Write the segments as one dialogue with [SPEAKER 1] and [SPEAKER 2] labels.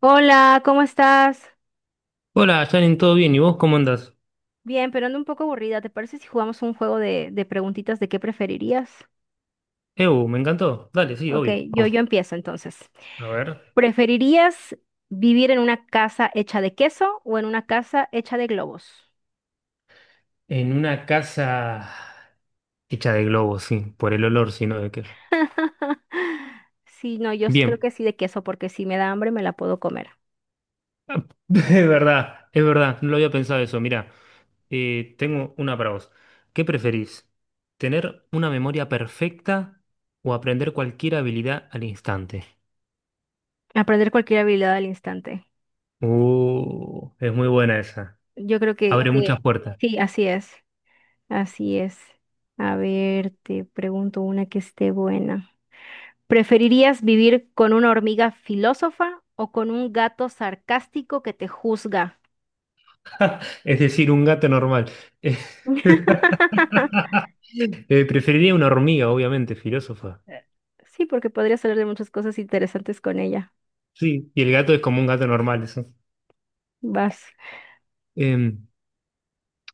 [SPEAKER 1] Hola, ¿cómo estás?
[SPEAKER 2] Hola, Janin, ¿todo bien? ¿Y vos cómo andás?
[SPEAKER 1] Bien, pero ando un poco aburrida. ¿Te parece si jugamos un juego de preguntitas de qué preferirías?
[SPEAKER 2] Ew, me encantó. Dale, sí,
[SPEAKER 1] Ok,
[SPEAKER 2] obvio.
[SPEAKER 1] yo,
[SPEAKER 2] Vamos.
[SPEAKER 1] yo empiezo entonces.
[SPEAKER 2] A ver.
[SPEAKER 1] ¿Preferirías vivir en una casa hecha de queso o en una casa hecha de globos?
[SPEAKER 2] En una casa hecha de globos, sí, por el olor, sino de qué es.
[SPEAKER 1] Sí, no, yo sí creo
[SPEAKER 2] Bien.
[SPEAKER 1] que sí de queso, porque si me da hambre me la puedo comer.
[SPEAKER 2] Ah, es verdad, no lo había pensado eso. Mirá, tengo una para vos. ¿Qué preferís? ¿Tener una memoria perfecta o aprender cualquier habilidad al instante?
[SPEAKER 1] Aprender cualquier habilidad al instante.
[SPEAKER 2] Es muy buena esa.
[SPEAKER 1] Yo creo que,
[SPEAKER 2] Abre muchas
[SPEAKER 1] que
[SPEAKER 2] puertas.
[SPEAKER 1] sí, así es. Así es. A ver, te pregunto una que esté buena. ¿Preferirías vivir con una hormiga filósofa o con un gato sarcástico que te juzga?
[SPEAKER 2] Es decir, un gato normal. Eh, preferiría una hormiga, obviamente, filósofa.
[SPEAKER 1] Sí, porque podrías hablar de muchas cosas interesantes con ella.
[SPEAKER 2] Sí, y el gato es como un gato normal, eso.
[SPEAKER 1] Vas.
[SPEAKER 2] Eh,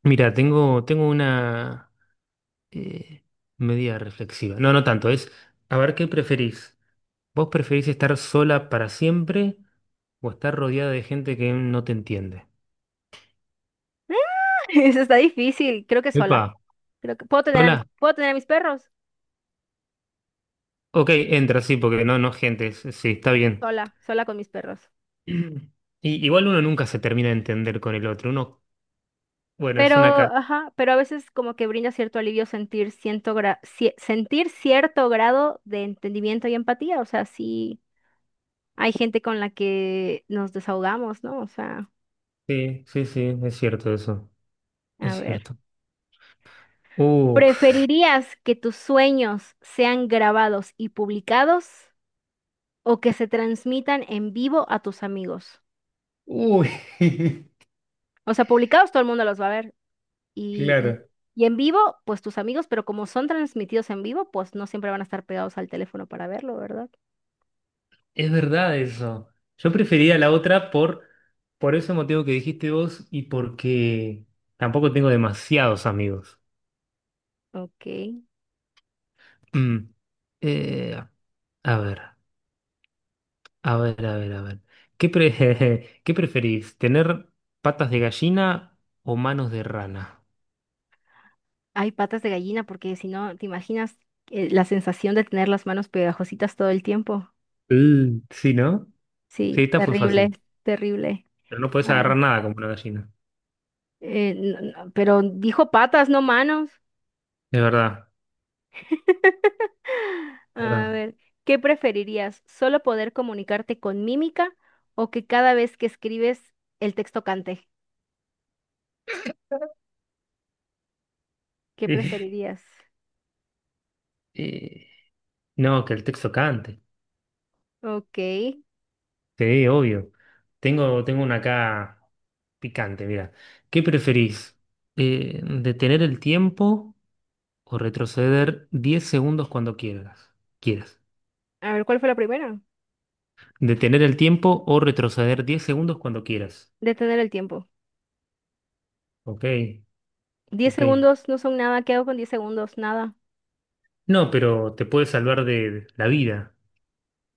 [SPEAKER 2] mira, tengo una eh, medida reflexiva. No, no tanto, es, a ver, ¿qué preferís? ¿Vos preferís estar sola para siempre o estar rodeada de gente que no te entiende?
[SPEAKER 1] Eso está difícil. Creo que
[SPEAKER 2] Epa,
[SPEAKER 1] sola. Creo que puedo tener a
[SPEAKER 2] sola.
[SPEAKER 1] puedo tener a mis perros
[SPEAKER 2] Ok, entra, sí, porque no, no, gente, es- sí, está bien.
[SPEAKER 1] sola, sola con mis perros.
[SPEAKER 2] Y, igual uno nunca se termina de entender con el otro, uno. Bueno,
[SPEAKER 1] Pero,
[SPEAKER 2] es una cadena.
[SPEAKER 1] ajá, pero a veces como que brinda cierto alivio sentir sentir cierto grado de entendimiento y empatía. O sea, sí hay gente con la que nos desahogamos, ¿no? O sea,
[SPEAKER 2] Sí, sí, sí, es cierto eso.
[SPEAKER 1] a
[SPEAKER 2] Es
[SPEAKER 1] ver.
[SPEAKER 2] cierto. Uf,
[SPEAKER 1] ¿Preferirías que tus sueños sean grabados y publicados o que se transmitan en vivo a tus amigos?
[SPEAKER 2] uy,
[SPEAKER 1] O sea, publicados todo el mundo los va a ver y,
[SPEAKER 2] claro.
[SPEAKER 1] y en vivo, pues tus amigos, pero como son transmitidos en vivo, pues no siempre van a estar pegados al teléfono para verlo, ¿verdad?
[SPEAKER 2] Es verdad eso. Yo prefería la otra por ese motivo que dijiste vos y porque tampoco tengo demasiados amigos.
[SPEAKER 1] Ok.
[SPEAKER 2] Mm. Eh, a ver, a ver, a ver, a ver. ¿Qué pre- ¿qué preferís? ¿Tener patas de gallina o manos de rana?
[SPEAKER 1] Hay patas de gallina porque si no, ¿te imaginas la sensación de tener las manos pegajositas todo el tiempo?
[SPEAKER 2] Mm, sí, ¿no? Sí,
[SPEAKER 1] Sí,
[SPEAKER 2] esta fue
[SPEAKER 1] terrible,
[SPEAKER 2] fácil.
[SPEAKER 1] terrible.
[SPEAKER 2] Pero no podés
[SPEAKER 1] A ver.
[SPEAKER 2] agarrar nada como una gallina.
[SPEAKER 1] Pero dijo patas, no manos.
[SPEAKER 2] Es verdad.
[SPEAKER 1] A
[SPEAKER 2] ¿Verdad?
[SPEAKER 1] ver, ¿qué preferirías? ¿Solo poder comunicarte con mímica o que cada vez que escribes el texto cante? ¿Qué
[SPEAKER 2] Eh,
[SPEAKER 1] preferirías?
[SPEAKER 2] eh, no, que el texto cante.
[SPEAKER 1] Ok.
[SPEAKER 2] Sí, obvio. Tengo una acá picante, mira. ¿Qué preferís? ¿Detener el tiempo o retroceder 10 segundos cuando quieras? Quieras.
[SPEAKER 1] A ver, ¿cuál fue la primera?
[SPEAKER 2] ¿Detener el tiempo o retroceder 10 segundos cuando quieras?
[SPEAKER 1] Detener el tiempo.
[SPEAKER 2] Ok,
[SPEAKER 1] Diez
[SPEAKER 2] ok.
[SPEAKER 1] segundos no son nada. ¿Qué hago con 10 segundos? Nada.
[SPEAKER 2] No, pero te puede salvar de la vida.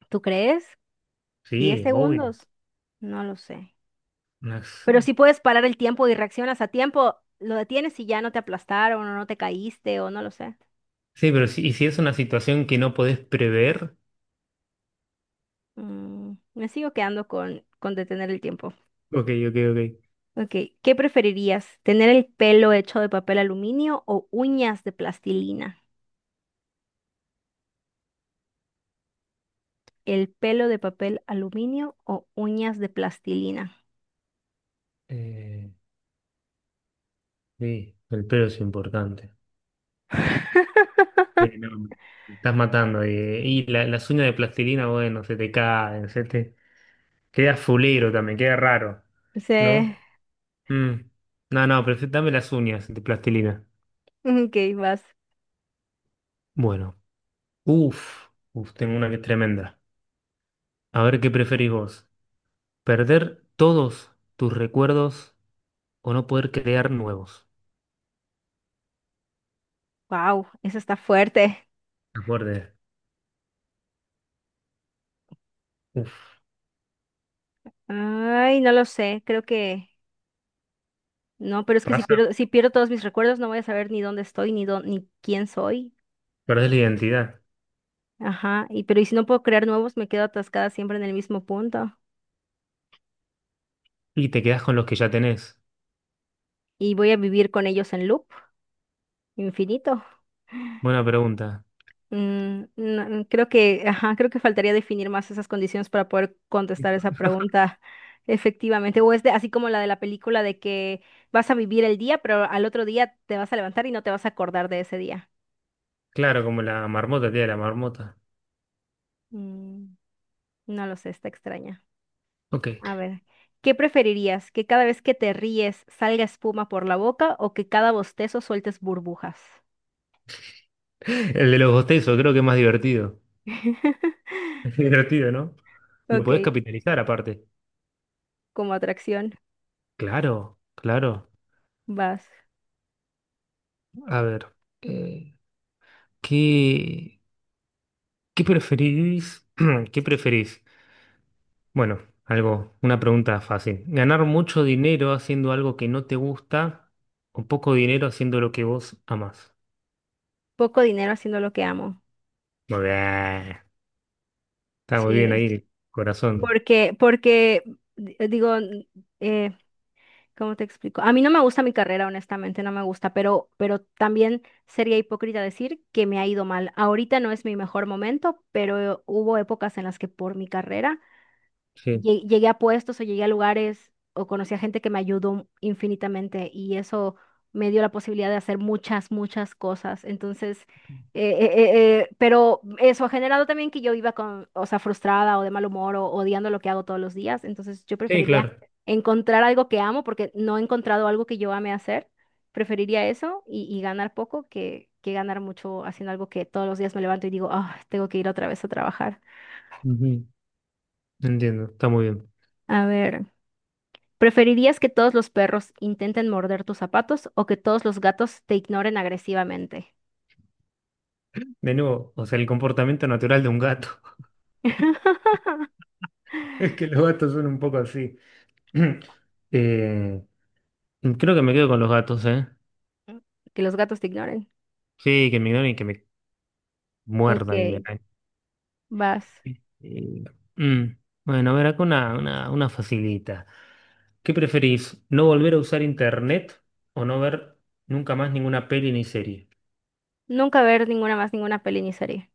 [SPEAKER 1] ¿Tú crees? ¿Diez
[SPEAKER 2] Sí, obvio.
[SPEAKER 1] segundos? No lo sé.
[SPEAKER 2] Una- s-
[SPEAKER 1] Pero si puedes parar el tiempo y reaccionas a tiempo, lo detienes y ya no te aplastaron o no te caíste o no lo sé.
[SPEAKER 2] sí, pero si, ¿y si es una situación que no podés prever?
[SPEAKER 1] Mm, me sigo quedando con detener el tiempo.
[SPEAKER 2] Ok, ok, ok.
[SPEAKER 1] Ok, ¿qué preferirías? ¿Tener el pelo hecho de papel aluminio o uñas de plastilina? ¿El pelo de papel aluminio o uñas de plastilina?
[SPEAKER 2] Eh, sí, el pelo es importante. No, me estás matando. Y la- las uñas de plastilina, bueno, se te caen, se te... Queda fulero también, queda raro,
[SPEAKER 1] Sí,
[SPEAKER 2] ¿no? Mm. No, no, prefi- dame las uñas de plastilina.
[SPEAKER 1] ok, vas.
[SPEAKER 2] Bueno, uff, uf, tengo una que es tremenda. A ver qué preferís vos. ¿Perder todos tus recuerdos o no poder crear nuevos?
[SPEAKER 1] Wow, eso está fuerte.
[SPEAKER 2] Qué fuerte. Uf,
[SPEAKER 1] Ay, no lo sé, creo que no, pero es que
[SPEAKER 2] pasa,
[SPEAKER 1] si pierdo todos mis recuerdos, no voy a saber ni dónde estoy, ni quién soy.
[SPEAKER 2] perdés la identidad
[SPEAKER 1] Ajá, y pero y si no puedo crear nuevos, me quedo atascada siempre en el mismo punto.
[SPEAKER 2] y te quedás con los que ya tenés.
[SPEAKER 1] Y voy a vivir con ellos en loop, infinito.
[SPEAKER 2] Buena pregunta.
[SPEAKER 1] Mm, no, creo creo que faltaría definir más esas condiciones para poder contestar esa pregunta efectivamente. O es de, así como la de la película de que vas a vivir el día, pero al otro día te vas a levantar y no te vas a acordar de ese día.
[SPEAKER 2] Claro, como la marmota, tía, la marmota.
[SPEAKER 1] Mm, no lo sé, está extraña.
[SPEAKER 2] Ok.
[SPEAKER 1] A ver, ¿qué preferirías? ¿Que cada vez que te ríes salga espuma por la boca o que cada bostezo sueltes burbujas?
[SPEAKER 2] El de los bostezos, creo que es más divertido. Es divertido, ¿no? Lo
[SPEAKER 1] Ok,
[SPEAKER 2] podés capitalizar aparte.
[SPEAKER 1] como atracción,
[SPEAKER 2] Claro, claro.
[SPEAKER 1] vas.
[SPEAKER 2] A ver, eh, ¿qué, qué preferís? ¿Qué preferís? Bueno, algo, una pregunta fácil. ¿Ganar mucho dinero haciendo algo que no te gusta o poco dinero haciendo lo que vos amás?
[SPEAKER 1] Poco dinero haciendo lo que amo.
[SPEAKER 2] Muy bien. Está muy bien
[SPEAKER 1] Sí,
[SPEAKER 2] ahí el corazón.
[SPEAKER 1] porque, digo, eh, ¿cómo te explico? A mí no me gusta mi carrera, honestamente, no me gusta, pero también sería hipócrita decir que me ha ido mal. Ahorita no es mi mejor momento, pero hubo épocas en las que por mi carrera
[SPEAKER 2] Sí,
[SPEAKER 1] llegué a puestos o llegué a lugares o conocí a gente que me ayudó infinitamente y eso me dio la posibilidad de hacer muchas, muchas cosas. Entonces, eh, eh, pero eso ha generado también que yo iba con, o sea, frustrada o de mal humor o odiando lo que hago todos los días. Entonces, yo
[SPEAKER 2] sí,
[SPEAKER 1] preferiría
[SPEAKER 2] claro.
[SPEAKER 1] encontrar algo que amo porque no he encontrado algo que yo ame hacer. Preferiría eso y ganar poco que ganar mucho haciendo algo que todos los días me levanto y digo, ah, tengo que ir otra vez a trabajar.
[SPEAKER 2] Ujú. Entiendo, está muy bien.
[SPEAKER 1] A ver. ¿Preferirías que todos los perros intenten morder tus zapatos o que todos los gatos te ignoren agresivamente?
[SPEAKER 2] De nuevo, o sea, el comportamiento natural de un gato. Es que los gatos son un poco así. Eh, creo que me quedo con los gatos, ¿eh?
[SPEAKER 1] Que los gatos te ignoren.
[SPEAKER 2] Sí, que me ignoren y que me muerdan y me
[SPEAKER 1] Ok,
[SPEAKER 2] arañen.
[SPEAKER 1] vas.
[SPEAKER 2] Eh, mm. Bueno, a ver, acá una facilita. ¿Qué preferís? ¿No volver a usar internet o no ver nunca más ninguna peli ni serie?
[SPEAKER 1] Nunca ver ninguna más, ninguna peli ni serie.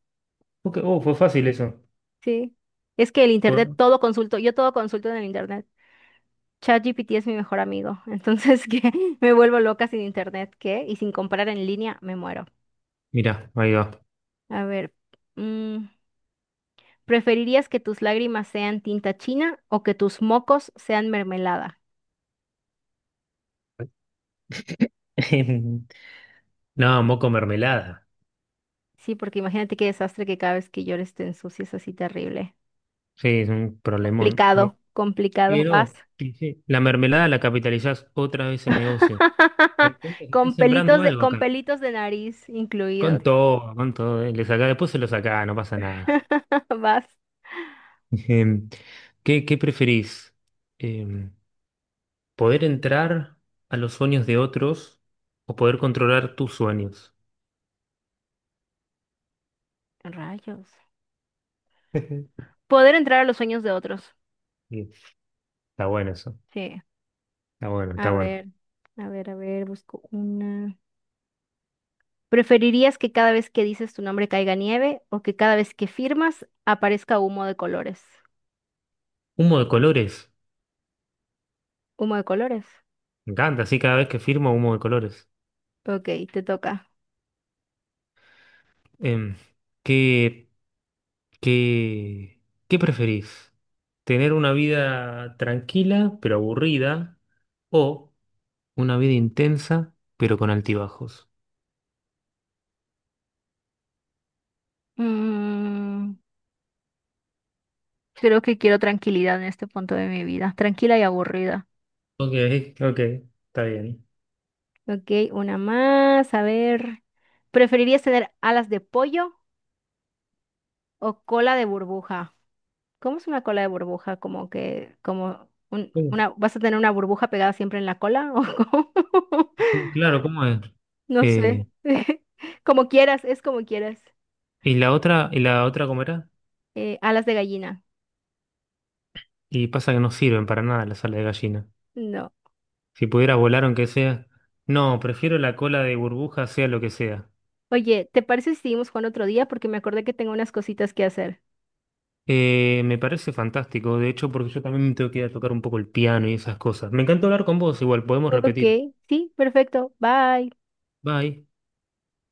[SPEAKER 2] Ok, oh, fue fácil eso.
[SPEAKER 1] Sí. Es que el internet,
[SPEAKER 2] Fue-
[SPEAKER 1] todo consulto, yo todo consulto en el internet. ChatGPT es mi mejor amigo, entonces que me vuelvo loca sin internet, ¿qué? Y sin comprar en línea, me muero.
[SPEAKER 2] mirá, ahí va.
[SPEAKER 1] A ver, mm, ¿preferirías que tus lágrimas sean tinta china o que tus mocos sean mermelada?
[SPEAKER 2] No, moco mermelada.
[SPEAKER 1] Sí, porque imagínate qué desastre que cada vez que llores te ensucies así terrible.
[SPEAKER 2] Sí, es un problemón.
[SPEAKER 1] Complicado, complicado. Vas.
[SPEAKER 2] Quiero, dice, la mermelada la capitalizás otra vez el negocio. Te das cuenta que estás
[SPEAKER 1] Con pelitos
[SPEAKER 2] sembrando algo
[SPEAKER 1] con
[SPEAKER 2] acá.
[SPEAKER 1] pelitos de nariz incluidos.
[SPEAKER 2] Con todo, con todo. Le sacá, después se lo sacá, no pasa nada.
[SPEAKER 1] Vas.
[SPEAKER 2] Em, ¿Qué preferís? Em, ¿Poder entrar a los sueños de otros o poder controlar tus sueños?
[SPEAKER 1] Rayos. Poder entrar a los sueños de otros.
[SPEAKER 2] Sí, está bueno eso.
[SPEAKER 1] Sí.
[SPEAKER 2] Está bueno,
[SPEAKER 1] A
[SPEAKER 2] está bueno.
[SPEAKER 1] ver, a ver, a ver, busco una. ¿Preferirías que cada vez que dices tu nombre caiga nieve o que cada vez que firmas aparezca humo de colores?
[SPEAKER 2] Humo de colores.
[SPEAKER 1] Humo de colores.
[SPEAKER 2] Me encanta, así cada vez que firmo humo de colores.
[SPEAKER 1] Ok, te toca.
[SPEAKER 2] Em, ¿qué, ¿Qué, qué preferís? ¿Tener una vida tranquila pero aburrida o una vida intensa pero con altibajos?
[SPEAKER 1] Mm, creo que quiero tranquilidad en este punto de mi vida, tranquila y aburrida.
[SPEAKER 2] Ok, ok, está bien.
[SPEAKER 1] Ok, una más. A ver. ¿Preferirías tener alas de pollo o cola de burbuja? ¿Cómo es una cola de burbuja? Como que,
[SPEAKER 2] Sí,
[SPEAKER 1] una, ¿vas a tener una burbuja pegada siempre en la cola? ¿O cómo?
[SPEAKER 2] sí, claro, ¿cómo es?
[SPEAKER 1] No sé.
[SPEAKER 2] Eh,
[SPEAKER 1] Como quieras, es como quieras.
[SPEAKER 2] y la otra cómo era?
[SPEAKER 1] Alas de gallina.
[SPEAKER 2] Y pasa que no sirven para nada la sala de gallina.
[SPEAKER 1] No.
[SPEAKER 2] Si pudiera volar aunque sea... No, prefiero la cola de burbuja, sea lo que sea.
[SPEAKER 1] Oye, ¿te parece si seguimos jugando otro día? Porque me acordé que tengo unas cositas que hacer.
[SPEAKER 2] Me parece fantástico, de hecho, porque yo también me tengo que ir a tocar un poco el piano y esas cosas. Me encanta hablar con vos, igual podemos
[SPEAKER 1] Ok,
[SPEAKER 2] repetir.
[SPEAKER 1] sí, perfecto. Bye.
[SPEAKER 2] Bye.